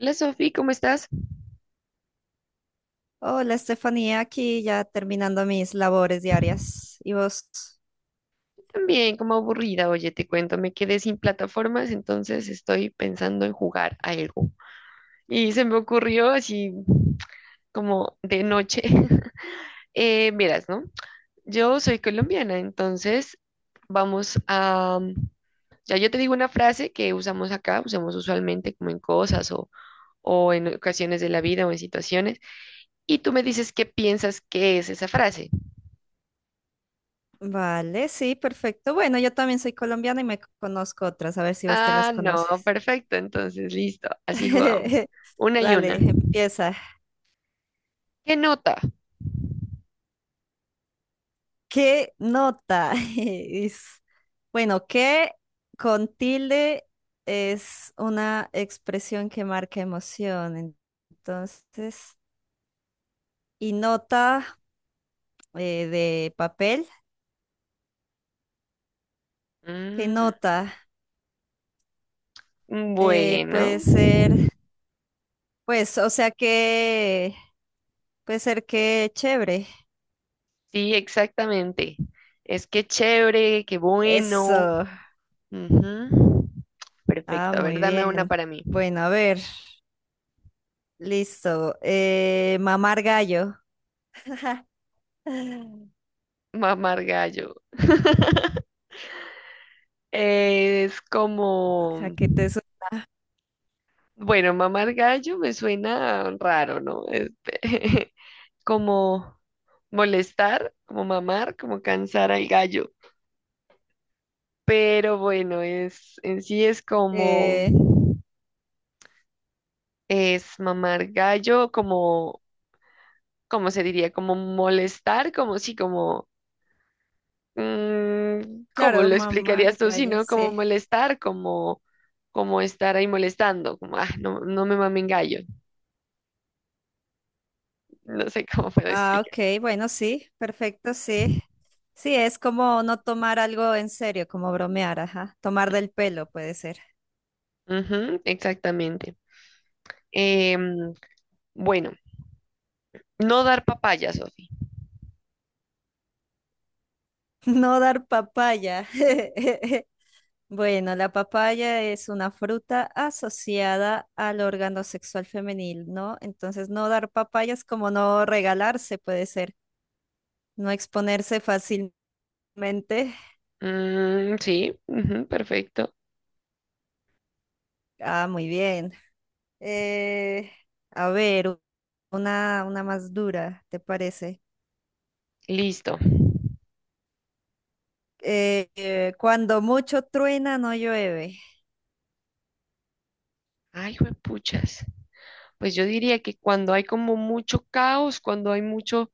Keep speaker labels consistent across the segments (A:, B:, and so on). A: Hola Sofi, ¿cómo estás?
B: Hola, Estefanía, aquí ya terminando mis labores diarias. ¿Y vos?
A: También como aburrida, oye, te cuento, me quedé sin plataformas, entonces estoy pensando en jugar algo. Y se me ocurrió así como de noche. Verás, ¿no? Yo soy colombiana, entonces vamos a... Ya yo te digo una frase que usamos acá, usamos usualmente como en cosas o en ocasiones de la vida o en situaciones, y tú me dices qué piensas que es esa frase.
B: Vale, sí, perfecto. Bueno, yo también soy colombiana y me conozco otras, a ver si vos te las
A: Ah, no,
B: conoces.
A: perfecto. Entonces, listo. Así jugamos. Una y una.
B: Dale, empieza.
A: ¿Qué nota?
B: ¿Qué nota es? Bueno, ¿qué con tilde es una expresión que marca emoción? Entonces, y nota de papel, ¿qué
A: Mm,
B: nota?
A: bueno.
B: Puede ser. Pues, o sea que puede ser que chévere.
A: Sí, exactamente. Es que chévere, qué bueno.
B: Eso.
A: Ujú.
B: Ah,
A: Perfecto. A ver,
B: muy
A: dame una
B: bien.
A: para mí.
B: Bueno, a ver. Listo. Mamar gallo. ¿A
A: Mamar gallo. Es como...
B: qué te
A: Bueno, mamar gallo me suena raro, ¿no? Este, como molestar, como mamar, como cansar al gallo. Pero bueno, en sí es como,
B: Eh,
A: es mamar gallo, como, como se diría? Como molestar, como sí, como, mm, ¿cómo
B: claro,
A: lo explicarías
B: mamar
A: tú? Si
B: gallo,
A: no, como
B: sí.
A: molestar, como, como estar ahí molestando, como, ah, no, no me mamen gallo, no sé cómo puedo
B: Ah,
A: explicar.
B: ok, bueno, sí, perfecto, sí. Sí, es como no tomar algo en serio, como bromear, ajá. Tomar del pelo puede ser.
A: Ujú, exactamente. Em, bueno, no dar papaya, Sofi.
B: No dar papaya. Bueno, la papaya es una fruta asociada al órgano sexual femenil, ¿no? Entonces, no dar papayas como no regalarse puede ser, no exponerse fácilmente.
A: Mm, sí, ujú, perfecto.
B: Ah, muy bien. Eh, a ver, una más dura, ¿te parece?
A: Listo.
B: Cuando mucho truena, no llueve.
A: Ay, juepuchas. Pues yo diría que cuando hay como mucho caos, cuando hay mucho,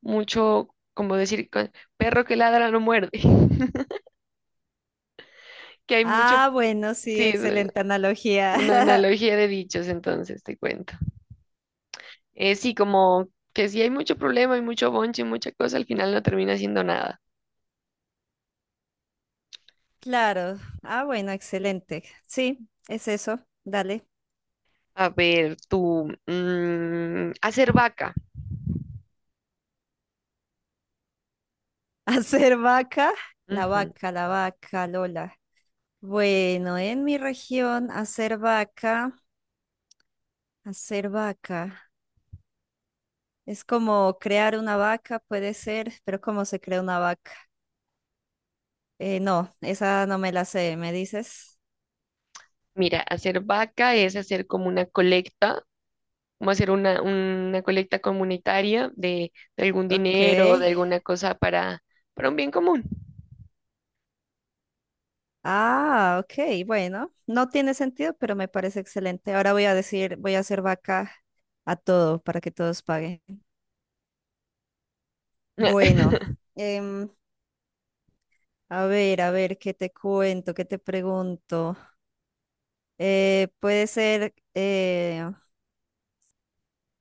A: mucho, como decir, perro que ladra no muerde, que hay mucho,
B: Ah, bueno, sí,
A: sí, es
B: excelente
A: una
B: analogía.
A: analogía de dichos, entonces te cuento. Sí, como que si hay mucho problema, hay mucho bonche, y mucha cosa, al final no termina siendo nada.
B: Claro. Ah, bueno, excelente. Sí, es eso. Dale.
A: A ver, tú, mm, hacer vaca.
B: Hacer vaca, la
A: Ujú.
B: vaca, la vaca, Lola. Bueno, en mi región, hacer vaca. Es como crear una vaca, puede ser, pero ¿cómo se crea una vaca? No, esa no me la sé, ¿me dices?
A: Mira, hacer vaca es hacer como una colecta, como hacer una colecta comunitaria de algún
B: Ok.
A: dinero, o de alguna cosa para un bien común.
B: Ah, ok, bueno. No tiene sentido, pero me parece excelente. Ahora voy a decir, voy a hacer vaca a todo para que todos paguen. Bueno, em, a ver, ¿qué te cuento? ¿Qué te pregunto? Puede ser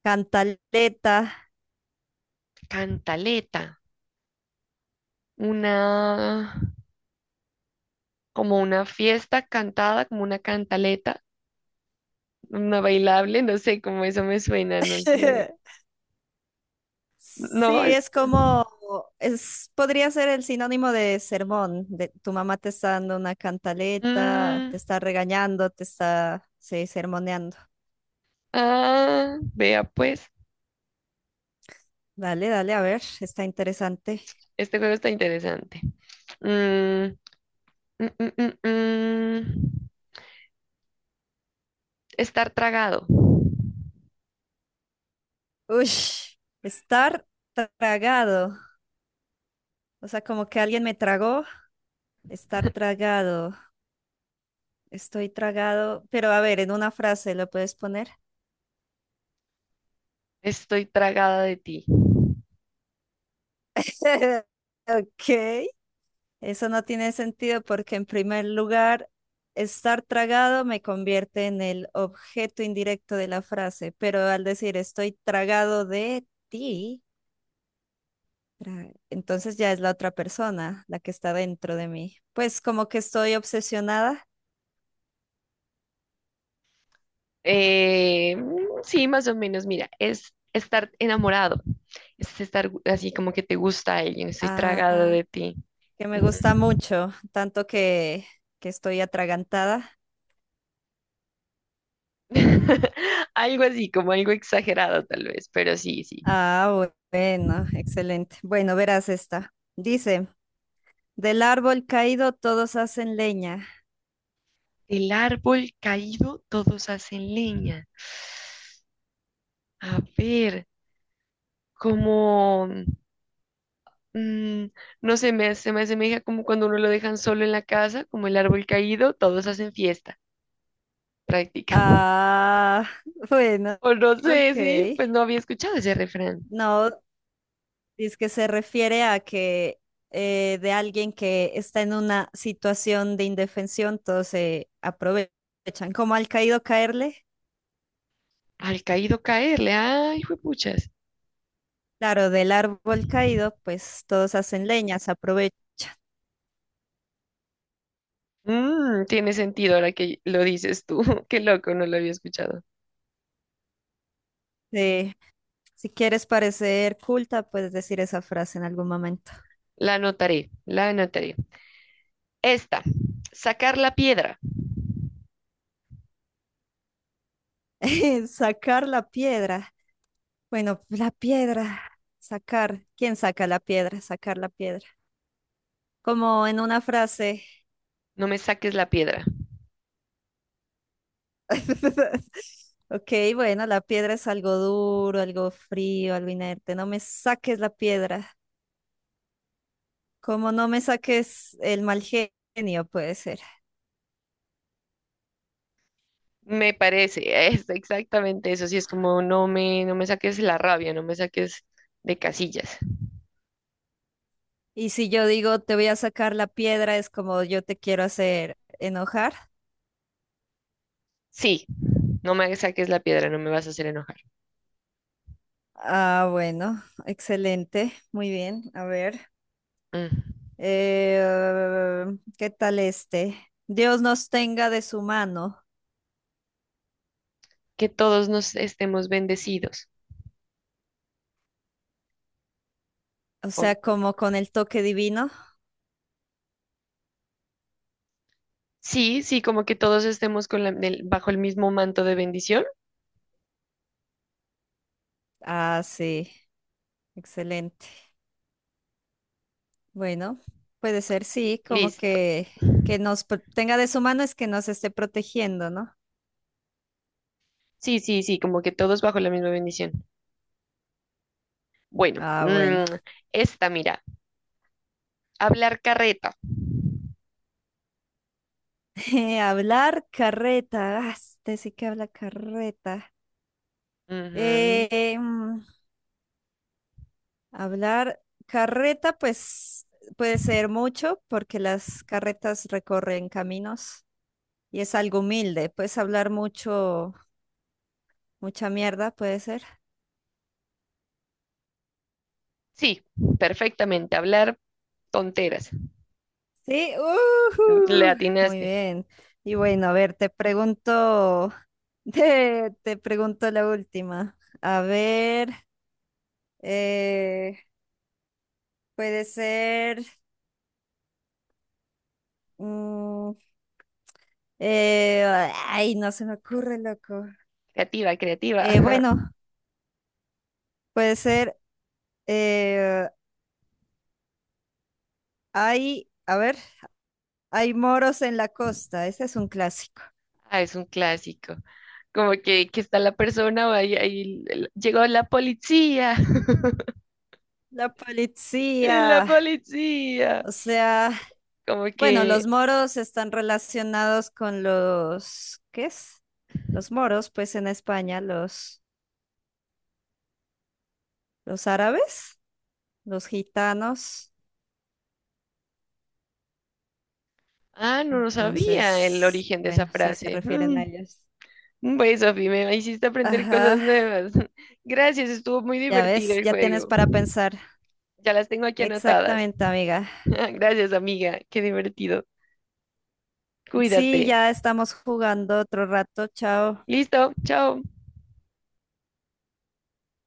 B: cantaleta.
A: Cantaleta, una, como una fiesta cantada, como una cantaleta, una bailable, no sé cómo eso me suena, no sé. No,
B: Sí, es como, es, podría ser el sinónimo de sermón, de tu mamá te está dando una cantaleta,
A: mm,
B: te está regañando, te está, sí, sermoneando.
A: ah, vea pues,
B: Dale, dale, a ver, está interesante.
A: este juego está interesante. Mm, mm, mm, mm, mm. Estar tragado.
B: Uy, estar tragado, o sea, como que alguien me tragó, estar tragado, estoy tragado, pero a ver, en una frase lo puedes poner.
A: Estoy tragada de ti.
B: Ok. Eso no tiene sentido porque en primer lugar, estar tragado me convierte en el objeto indirecto de la frase, pero al decir estoy tragado de ti, entonces ya es la otra persona la que está dentro de mí. Pues como que estoy obsesionada,
A: Eh, sí, más o menos, mira, es estar enamorado, es estar así como que te gusta alguien, estoy tragado
B: ah,
A: de ti.
B: que me
A: Ujú.
B: gusta mucho, tanto que estoy atragantada.
A: Algo así, como algo exagerado tal vez, pero sí, sí.
B: Ah, bueno, excelente. Bueno, verás esta. Dice, del árbol caído todos hacen leña.
A: El árbol caído, todos hacen leña. A ver, como, mm, no sé, me, se me asemeja como cuando uno lo dejan solo en la casa, como el árbol caído, todos hacen fiesta, prácticamente.
B: Ah, bueno,
A: O no
B: ok.
A: sé, sí, pues no había escuchado ese refrán.
B: No, es que se refiere a que de alguien que está en una situación de indefensión, todos se aprovechan. Como al caído caerle,
A: Al caído caerle. Ay, juepuchas.
B: claro, del árbol caído, pues todos hacen leñas, aprovechan.
A: Mm, tiene sentido ahora que lo dices tú. Qué loco, no lo había escuchado.
B: Sí, si quieres parecer culta, puedes decir esa frase en algún momento.
A: La anotaré, la anotaré. Esta, sacar la piedra.
B: Sacar la piedra. Bueno, la piedra. Sacar. ¿Quién saca la piedra? Sacar la piedra como en una frase.
A: No me saques la piedra.
B: Ok, bueno, la piedra es algo duro, algo frío, algo inerte. No me saques la piedra. Como no me saques el mal genio, puede ser.
A: Me parece, es exactamente eso. Sí, es como no me, no me saques la rabia, no me saques de casillas.
B: Y si yo digo te voy a sacar la piedra, es como yo te quiero hacer enojar.
A: Sí, no me saques la piedra, no me vas a hacer enojar.
B: Ah, bueno, excelente. Muy bien. A ver.
A: Mm.
B: Eh, ¿Qué tal este? Dios nos tenga de su mano.
A: Que todos nos estemos bendecidos.
B: O
A: O-
B: sea, como con el toque divino.
A: sí, sí, como que todos estemos con bajo el mismo manto de bendición.
B: Ah, sí. Excelente. Bueno, puede ser, sí, como
A: Listo.
B: que nos tenga de su mano es que nos esté protegiendo, ¿no?
A: Sí, sí, sí, como que todos bajo la misma bendición. Bueno,
B: Ah, bueno.
A: mm, esta, mira, hablar carreta.
B: Hablar carreta. Ah, este sí que habla carreta.
A: Ujú.
B: Eh, mm, Hablar carreta, pues puede ser mucho porque las carretas recorren caminos y es algo humilde. Puedes hablar mucho, mucha mierda, puede ser.
A: Sí, perfectamente, hablar tonteras.
B: Sí,
A: Le
B: ujú, muy
A: atinaste.
B: bien. Y bueno, a ver, te pregunto, te pregunto la última. A ver, eh, puede ser, mm, eh, ay, no se me ocurre, loco.
A: Creativa, creativa.
B: Bueno, puede ser, eh, hay, a ver, hay moros en la costa. Este es un clásico.
A: Ah, es un clásico. Como que está la persona, va y- ahí l- llegó la policía.
B: La
A: La
B: policía,
A: policía.
B: o sea.
A: Como
B: Bueno,
A: que,
B: los moros están relacionados con los, ¿qué es? Los moros, pues en España, los árabes, los gitanos.
A: ah, no lo sabía el
B: Entonces,
A: origen de esa
B: bueno, sí se
A: frase.
B: refieren
A: Mm,
B: a ellos.
A: bueno, Sofi, me hiciste aprender cosas
B: Ajá,
A: nuevas. Gracias, estuvo muy
B: ya
A: divertido
B: ves,
A: el
B: ya tienes
A: juego.
B: para pensar.
A: Ya las tengo aquí anotadas.
B: Exactamente, amiga.
A: Gracias, amiga, qué divertido.
B: Sí,
A: Cuídate.
B: ya estamos jugando otro rato. Chao.
A: Listo, chao.